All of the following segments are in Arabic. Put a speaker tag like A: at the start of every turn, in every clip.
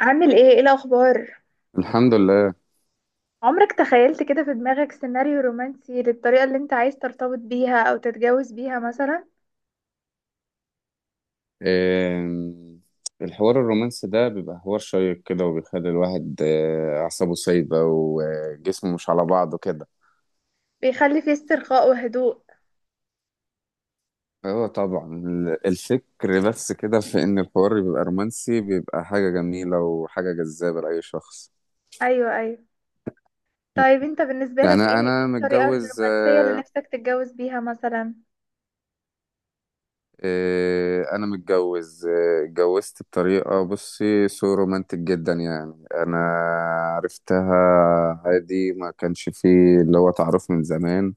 A: عامل ايه الاخبار؟
B: الحمد لله.
A: عمرك تخيلت كده في دماغك سيناريو رومانسي للطريقة اللي انت عايز ترتبط بيها او تتجوز بيها مثلا؟
B: آم، الحوار الرومانسي ده بيبقى حوار شيق كده وبيخلي الواحد أعصابه سايبة وجسمه مش على بعضه كده.
A: بيخلي فيه استرخاء وهدوء.
B: اه طبعا الفكر بس كده في إن الحوار بيبقى رومانسي بيبقى حاجة جميلة وحاجة جذابة لأي شخص.
A: ايوه، ايوه. طيب انت بالنسبة
B: يعني
A: لك ايه
B: أنا
A: إيه الطريقة
B: متجوز.
A: الرومانسية اللي نفسك تتجوز بيها مثلا؟
B: انا متجوز اتجوزت بطريقه بصي سو رومانتك جدا، يعني انا عرفتها عادي، ما كانش فيه اللي هو تعرف من زمان.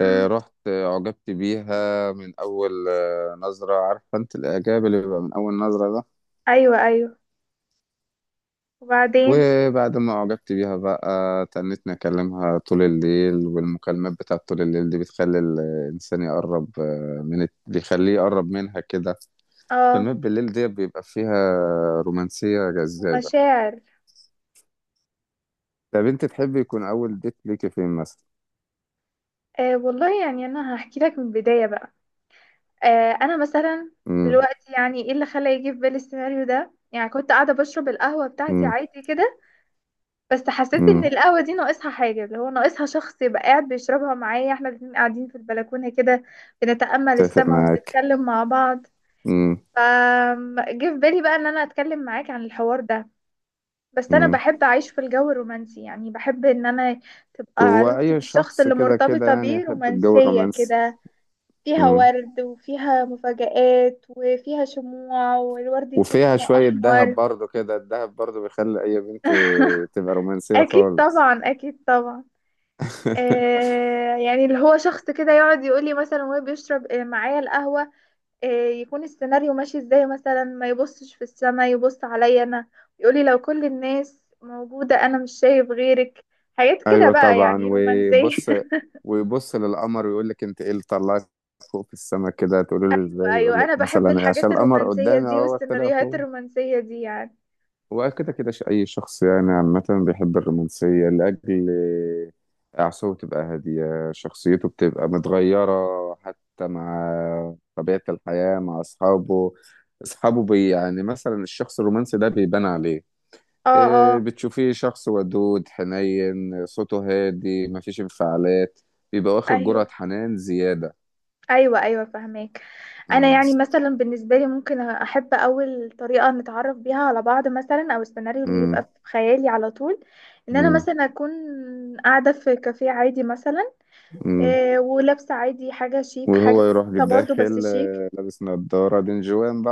A: امم.
B: رحت أعجبت بيها من أول نظرة، عارفة أنت الإعجاب اللي بيبقى من أول نظرة ده.
A: ايوه، ايوه، وبعدين؟
B: وبعد ما أعجبت بيها بقى تنتني أكلمها طول الليل، والمكالمات بتاعت طول الليل دي بتخلي الإنسان يقرب من بيخليه يقرب منها كده.
A: اه.
B: فيلمات بالليل دي بيبقى فيها رومانسية جذابة.
A: ومشاعر.
B: طب انت تحبي يكون اول ديت ليكي فين مثلا؟
A: آه والله، يعني انا هحكي لك من البداية بقى. انا مثلا
B: امم.
A: دلوقتي، يعني ايه اللي خلى يجي في بالي السيناريو ده؟ يعني كنت قاعدة بشرب القهوة بتاعتي
B: امم.
A: عادي كده، بس حسيت ان
B: امم.
A: القهوه دي ناقصها حاجه، اللي هو ناقصها شخص يبقى قاعد بيشربها معايا، احنا الاتنين قاعدين في البلكونه كده، بنتامل
B: اتفق
A: السما
B: معاك.
A: وبنتكلم مع بعض.
B: امم.
A: ف جه في بالي بقى ان انا اتكلم معاك عن الحوار ده. بس انا
B: امم.
A: بحب اعيش في الجو الرومانسي، يعني بحب ان انا تبقى
B: هو
A: علاقتي
B: اي
A: بالشخص
B: شخص
A: اللي
B: كده كده
A: مرتبطه
B: يعني
A: بيه
B: يحب الجو
A: رومانسيه
B: الرومانسي.
A: كده، فيها
B: امم.
A: ورد وفيها مفاجآت وفيها شموع، والورد يكون
B: وفيها
A: لونه
B: شوية دهب
A: احمر.
B: برضو كده، الدهب برضو بيخلي اي بنت تبقى رومانسية
A: اكيد
B: خالص.
A: طبعا، اكيد طبعا. يعني اللي هو شخص كده يقعد يقول لي مثلا، وهو بيشرب معايا القهوة، يكون السيناريو ماشي ازاي مثلا، ما يبصش في السما، يبص عليا انا. يقول لي لو كل الناس موجودة انا مش شايف غيرك. حاجات كده
B: ايوه
A: بقى،
B: طبعا.
A: يعني رومانسية.
B: وبص ويبص للقمر ويقول لك انت ايه اللي طلعت فوق في السماء كده، تقول له ازاي، يقول
A: ايوه،
B: لك
A: انا بحب
B: مثلا عشان
A: الحاجات
B: القمر
A: الرومانسية
B: قدامي
A: دي
B: اهو طلع
A: والسيناريوهات
B: فوق.
A: الرومانسية دي يعني.
B: وكده كده أي شخص يعني عامة بيحب الرومانسية لأجل أعصابه تبقى هادية، شخصيته بتبقى متغيرة حتى مع طبيعة الحياة مع أصحابه. أصحابه يعني مثلا الشخص الرومانسي ده بيبان عليه.
A: اه، اه.
B: بتشوفيه شخص ودود حنين، صوته هادي مفيش انفعالات، بيبقى واخد
A: ايوه،
B: جرعة حنان زيادة.
A: ايوه، ايوه، فهماك. انا
B: مم.
A: يعني مثلا بالنسبه لي ممكن احب اول طريقه نتعرف بيها على بعض مثلا، او السيناريو اللي يبقى
B: مم.
A: في خيالي على طول، ان انا
B: مم.
A: مثلا اكون قاعده في كافيه عادي مثلا،
B: مم.
A: ولابسه عادي حاجه شيك، حاجه
B: وهو يروح
A: بسيطة برضو بس
B: داخل
A: شيك.
B: لابس نضارة دين جوان.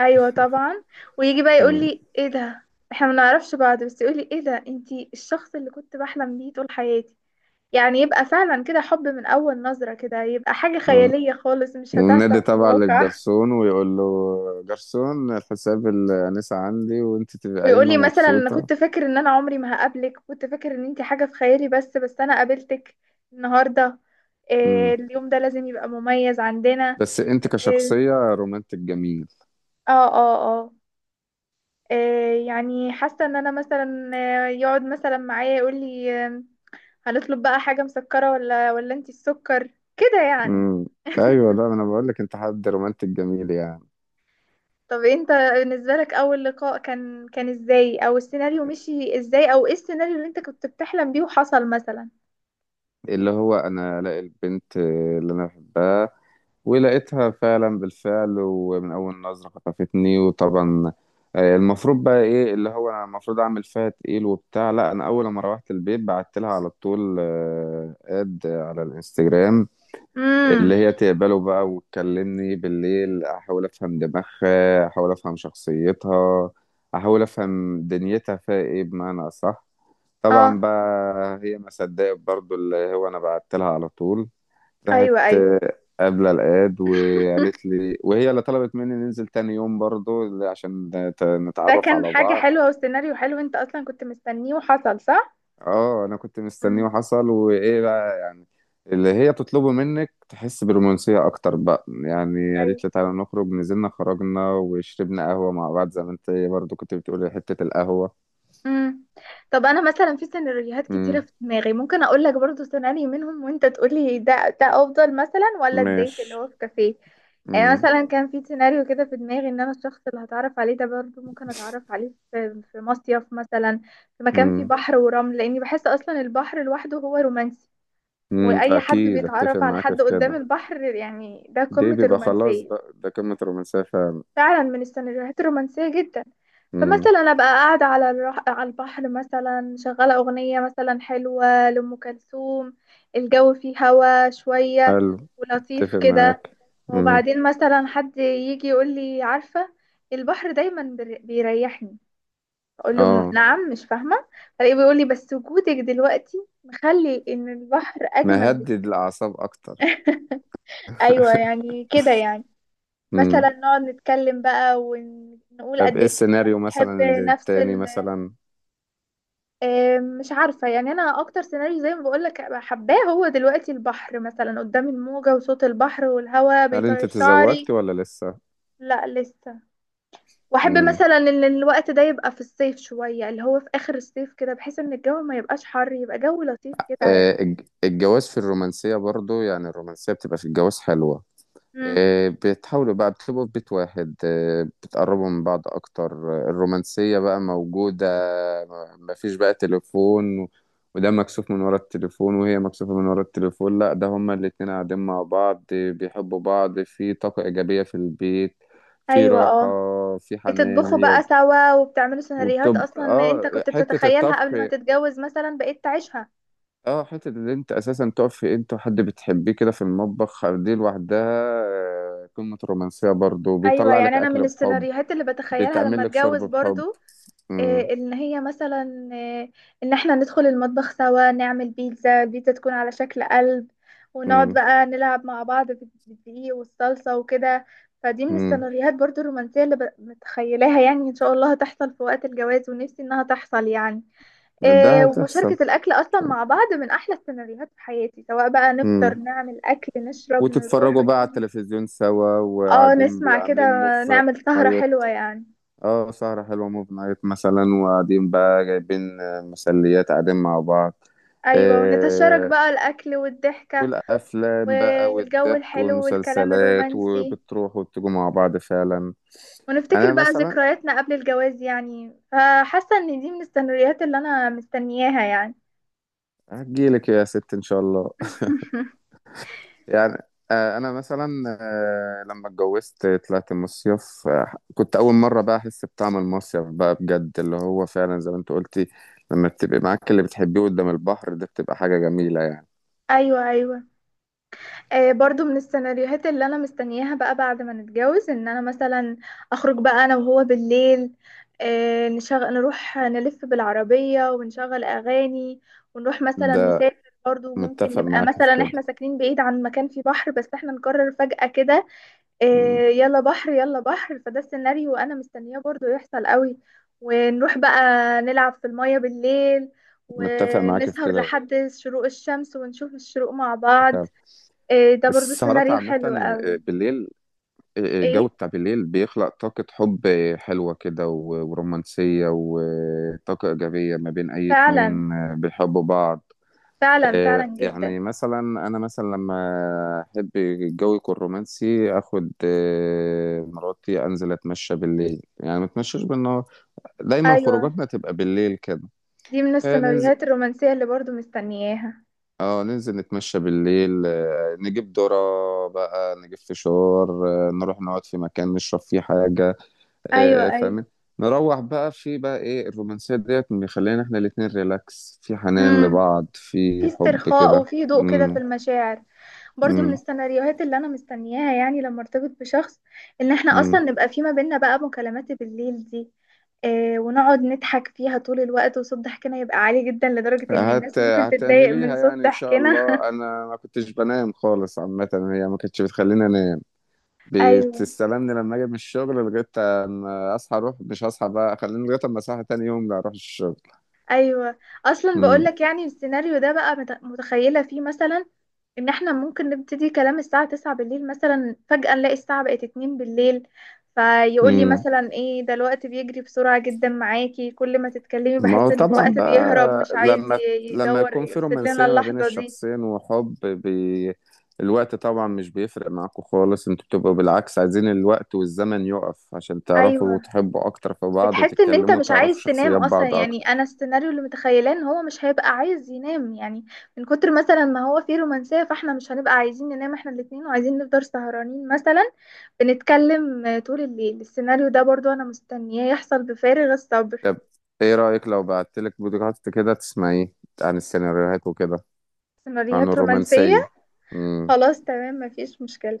A: ايوه طبعا. ويجي بقى يقول
B: بقى
A: لي ايه ده، احنا ما نعرفش بعض، بس يقول لي ايه ده، انتي الشخص اللي كنت بحلم بيه طول حياتي. يعني يبقى فعلا كده حب من اول نظره، كده يبقى حاجه
B: آه.
A: خياليه خالص مش
B: والنادي
A: هتحصل في
B: تبع
A: الواقع.
B: للجرسون ويقول له جرسون الحساب الأنسة عندي وانت تبقى
A: ويقول
B: قايمة
A: لي مثلا انا
B: مبسوطة.
A: كنت فاكر ان انا عمري ما هقابلك، كنت فاكر ان انت حاجة في خيالي، بس انا قابلتك النهاردة. إيه،
B: مم.
A: اليوم ده لازم يبقى مميز عندنا.
B: بس انت
A: إيه،
B: كشخصية رومانتك جميل.
A: اه، اه، اه. إيه يعني حاسة ان انا مثلا يقعد مثلا معايا يقول لي، هنطلب بقى حاجة مسكرة ولا انت السكر، كده يعني.
B: مم. ايوه، لا انا بقول لك انت حد رومانتك جميل يعني.
A: طب انت بالنسبة لك اول لقاء كان ازاي، او السيناريو مشي ازاي، او ايه السيناريو اللي انت كنت بتحلم بيه وحصل مثلا؟
B: اللي هو انا الاقي البنت اللي انا بحبها، ولقيتها فعلا بالفعل ومن أول نظرة خطفتني. وطبعا المفروض بقى إيه اللي هو أنا المفروض أعمل فيها تقيل وبتاع، لا أنا أول ما روحت البيت بعت لها على طول آد على الانستجرام،
A: امم.
B: اللي هي تقبله بقى وتكلمني بالليل أحاول أفهم دماغها، أحاول أفهم شخصيتها، أحاول أفهم دنيتها فيها إيه بمعنى أصح.
A: اه.
B: طبعا بقى هي ما صدقت برضو اللي هو أنا بعت لها على طول،
A: ايوه،
B: راحت
A: ايوه.
B: قابلة الأياد وقالت لي، وهي اللي طلبت مني ننزل تاني يوم برضو عشان
A: ده
B: نتعرف
A: كان
B: على
A: حاجة
B: بعض.
A: حلوة وسيناريو حلو، انت اصلا كنت مستنيه وحصل، صح؟
B: اه انا كنت مستنيه
A: امم.
B: وحصل، وايه بقى اللي هي تطلبه منك تحس برومانسية اكتر بقى. يعني
A: ايوه.
B: قالت لي تعالى نخرج، نزلنا خرجنا وشربنا قهوة مع بعض زي ما انت برضو كنت بتقولي حتة القهوة.
A: امم. طب انا مثلا في سيناريوهات كتيرة
B: امم.
A: في دماغي، ممكن اقول لك برضو سيناريو منهم وانت تقولي ده افضل مثلا، ولا الديت اللي
B: ماشي.
A: هو في كافيه. يعني
B: امم.
A: مثلا كان في سيناريو كده في دماغي ان انا الشخص اللي هتعرف عليه ده برضو ممكن اتعرف عليه في مصيف مثلا، في مكان فيه
B: امم.
A: بحر ورمل، لاني بحس اصلا البحر لوحده هو رومانسي. واي حد
B: اكيد اتفق
A: بيتعرف على
B: معاك
A: حد
B: في
A: قدام
B: كده.
A: البحر، يعني ده
B: دي
A: قمة
B: بيبقى خلاص
A: الرومانسية.
B: بقى ده قمة الرومانسية فعلا.
A: فعلا من السيناريوهات الرومانسية جدا.
B: امم.
A: فمثلا أبقى قاعدة على على البحر مثلا، شغالة أغنية مثلا حلوة لأم كلثوم، الجو فيه هوا شوية
B: حلو.
A: ولطيف
B: اتفق
A: كده.
B: معاك. امم.
A: وبعدين مثلا حد يجي يقول لي عارفة، البحر دايما بيريحني. أقول له
B: اه.
A: نعم، مش فاهمة. فلاقيه بيقول لي بس وجودك دلوقتي مخلي إن البحر أجمل بك.
B: مهدد الأعصاب أكتر.
A: أيوة، يعني كده يعني.
B: امم.
A: مثلا نقعد نتكلم بقى ونقول
B: طب
A: قد
B: إيه
A: ايه احنا
B: السيناريو
A: بنحب
B: مثلا اللي
A: نفس
B: التاني
A: ال...
B: مثلا؟
A: مش عارفة، يعني انا اكتر سيناريو زي ما بقولك أبقى حباه هو دلوقتي البحر مثلا، قدام الموجة وصوت البحر والهواء
B: هل أنت
A: بيطير
B: تزوجت
A: شعري.
B: ولا لسه؟
A: لا لسه. واحب
B: امم.
A: مثلا ان الوقت ده يبقى في الصيف شوية، اللي هو في اخر الصيف كده، بحيث ان الجو ما يبقاش حر، يبقى جو لطيف كده يعني.
B: الجواز في الرومانسية برضو، يعني الرومانسية بتبقى في الجواز حلوة.
A: مم.
B: بتحاولوا بقى، بتبقوا في بيت واحد، بتقربوا من بعض أكتر، الرومانسية بقى موجودة، مفيش بقى تليفون وده مكسوف من ورا التليفون وهي مكسوفة من ورا التليفون، لا ده هما الاتنين قاعدين مع بعض بيحبوا بعض، في طاقة إيجابية في البيت، في
A: ايوه.
B: راحة،
A: اه.
B: في حنان
A: بتطبخوا
B: هي.
A: بقى سوا وبتعملوا سيناريوهات
B: وبتبقى
A: اصلا انت
B: اه
A: كنت
B: حتة
A: بتتخيلها
B: الطبخ.
A: قبل ما تتجوز مثلا، بقيت تعيشها.
B: اه، حتة اللي انت اساسا تقف في انت وحد بتحبيه كده في المطبخ دي لوحدها قمة الرومانسية. برضو
A: ايوه،
B: بيطلع لك
A: يعني انا من
B: اكل بحب،
A: السيناريوهات اللي بتخيلها لما
B: بيتعمل لك شرب
A: اتجوز
B: بحب.
A: برضو،
B: مم.
A: إيه ان هي مثلا إيه، ان احنا ندخل المطبخ سوا نعمل بيتزا، البيتزا تكون على شكل قلب، ونقعد
B: مم.
A: بقى نلعب مع بعض في بالدقيق والصلصة وكده. فدي من
B: مم.
A: السيناريوهات برضو الرومانسية اللي متخيلاها، يعني ان شاء الله هتحصل في وقت الجواز ونفسي انها تحصل يعني.
B: ده
A: إيه،
B: هتحصل.
A: ومشاركة الاكل اصلا مع بعض من احلى السيناريوهات في حياتي، سواء بقى نفطر،
B: مم.
A: نعمل اكل، نشرب، نروح
B: وتتفرجوا بقى على
A: ونيجي.
B: التلفزيون سوا،
A: اه،
B: وقاعدين
A: نسمع كده،
B: عاملين موف
A: نعمل سهرة
B: نايت.
A: حلوة يعني.
B: اه سهرة حلوة موف نايت مثلا، وقاعدين بقى جايبين مسليات قاعدين مع بعض.
A: ايوه، ونتشارك
B: آه،
A: بقى الاكل والضحكة
B: والافلام بقى
A: والجو
B: والضحك
A: الحلو والكلام
B: والمسلسلات،
A: الرومانسي،
B: وبتروح وبتجوا مع بعض فعلا. يعني
A: ونفتكر
B: انا
A: بقى
B: مثلا
A: ذكرياتنا قبل الجواز يعني، فحاسة ان دي من السيناريوهات اللي انا مستنياها يعني.
B: هجيلك يا ست ان شاء الله. يعني انا مثلا لما اتجوزت طلعت مصيف، كنت اول مره بقى احس بطعم المصيف بقى بجد اللي هو فعلا زي ما انت قلتي. لما بتبقي معاك اللي بتحبيه قدام البحر ده بتبقى حاجه جميله يعني.
A: ايوه، ايوه. برضو من السيناريوهات اللي انا مستنياها بقى بعد ما نتجوز، ان انا مثلا اخرج بقى انا وهو بالليل، نشغل، نروح نلف بالعربية ونشغل اغاني، ونروح مثلا
B: ده
A: نسافر برضو، ممكن
B: متفق
A: نبقى
B: معاك في
A: مثلا احنا
B: كده.
A: ساكنين بعيد عن مكان فيه بحر بس احنا نقرر فجأة كده،
B: مم،
A: يلا بحر، يلا بحر، فده السيناريو انا مستنياه برضو يحصل قوي. ونروح بقى نلعب في المية بالليل،
B: متفق معاك في
A: ونسهر
B: كده
A: لحد شروق الشمس ونشوف الشروق مع بعض.
B: فعلا.
A: إيه ده برضو
B: السهرات
A: سيناريو
B: عامه
A: حلو قوي.
B: بالليل، الجو
A: ايه.
B: بتاع بالليل بيخلق طاقة حب حلوة كده ورومانسية وطاقة إيجابية ما بين أي
A: فعلا.
B: اتنين بيحبوا بعض.
A: فعلا فعلا جدا.
B: يعني مثلا أنا مثلا لما أحب الجو يكون رومانسي أخد مراتي أنزل أتمشى بالليل، يعني ما أتمشاش بالنهار. دايما
A: ايوه.
B: خروجاتنا تبقى بالليل كده.
A: دي من
B: ننزل.
A: السيناريوهات الرومانسية اللي برضو مستنياها.
B: اه ننزل نتمشى بالليل، نجيب ذرة بقى، نجيب فشار، نروح نقعد في مكان نشرب فيه حاجة.
A: ايوه، ايوه.
B: فاهم. نروح بقى، في بقى ايه الرومانسية ديت مخلينا احنا الاتنين ريلاكس في حنان
A: امم.
B: لبعض
A: في
B: في حب
A: استرخاء
B: كده.
A: وفي هدوء كده، في
B: امم.
A: المشاعر. برضو من
B: امم.
A: السيناريوهات اللي انا مستنياها يعني لما ارتبط بشخص، ان احنا اصلا
B: امم.
A: نبقى في ما بيننا بقى مكالمات بالليل دي. إيه، ونقعد نضحك فيها طول الوقت، وصوت ضحكنا يبقى عالي جدا لدرجة ان الناس ممكن تتضايق من
B: هتعمليها
A: صوت
B: يعني ان شاء
A: ضحكنا.
B: الله. انا ما كنتش بنام خالص عامة، هي ما كانتش بتخليني انام،
A: ايوه،
B: بتستلمني لما اجي من الشغل لغاية اما اصحى اروح، مش هصحى بقى خليني لغاية اما اصحى تاني يوم لا اروح الشغل.
A: ايوه. اصلا بقولك يعني السيناريو ده بقى متخيله فيه مثلا ان احنا ممكن نبتدي كلام الساعه 9 بالليل مثلا، فجاه نلاقي الساعه بقت 2 بالليل. فيقول لي
B: امم.
A: مثلا ايه ده، الوقت بيجري بسرعه جدا معاكي، كل ما تتكلمي
B: ما هو
A: بحس ان
B: طبعا
A: الوقت بيهرب،
B: بقى
A: مش عايز
B: لما
A: يدور
B: يكون في
A: يفسد لنا
B: رومانسية ما بين
A: اللحظه دي.
B: الشخصين وحب الوقت طبعا مش بيفرق معاكم خالص، انتوا بتبقوا بالعكس عايزين الوقت والزمن يقف عشان تعرفوا
A: ايوه.
B: وتحبوا اكتر في بعض
A: بتحس ان انت
B: وتتكلموا
A: مش
B: وتعرفوا
A: عايز تنام
B: شخصيات
A: اصلا،
B: بعض
A: يعني
B: اكتر.
A: انا السيناريو اللي متخيلاه ان هو مش هيبقى عايز ينام يعني، من كتر مثلا ما هو فيه رومانسية، فاحنا مش هنبقى عايزين ننام احنا الاتنين، وعايزين نفضل سهرانين مثلا، بنتكلم طول الليل. السيناريو ده برضو انا مستنياه يحصل بفارغ الصبر.
B: طب ايه رأيك لو بعتلك بودكاست كده تسمعيه عن السيناريوهات وكده، عن
A: سيناريوهات رومانسية.
B: الرومانسية. امم.
A: خلاص تمام، مفيش مشكلة.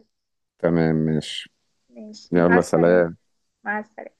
B: تمام ماشي.
A: ماشي، مع
B: يلا
A: السلامة.
B: سلام.
A: مع السلامة.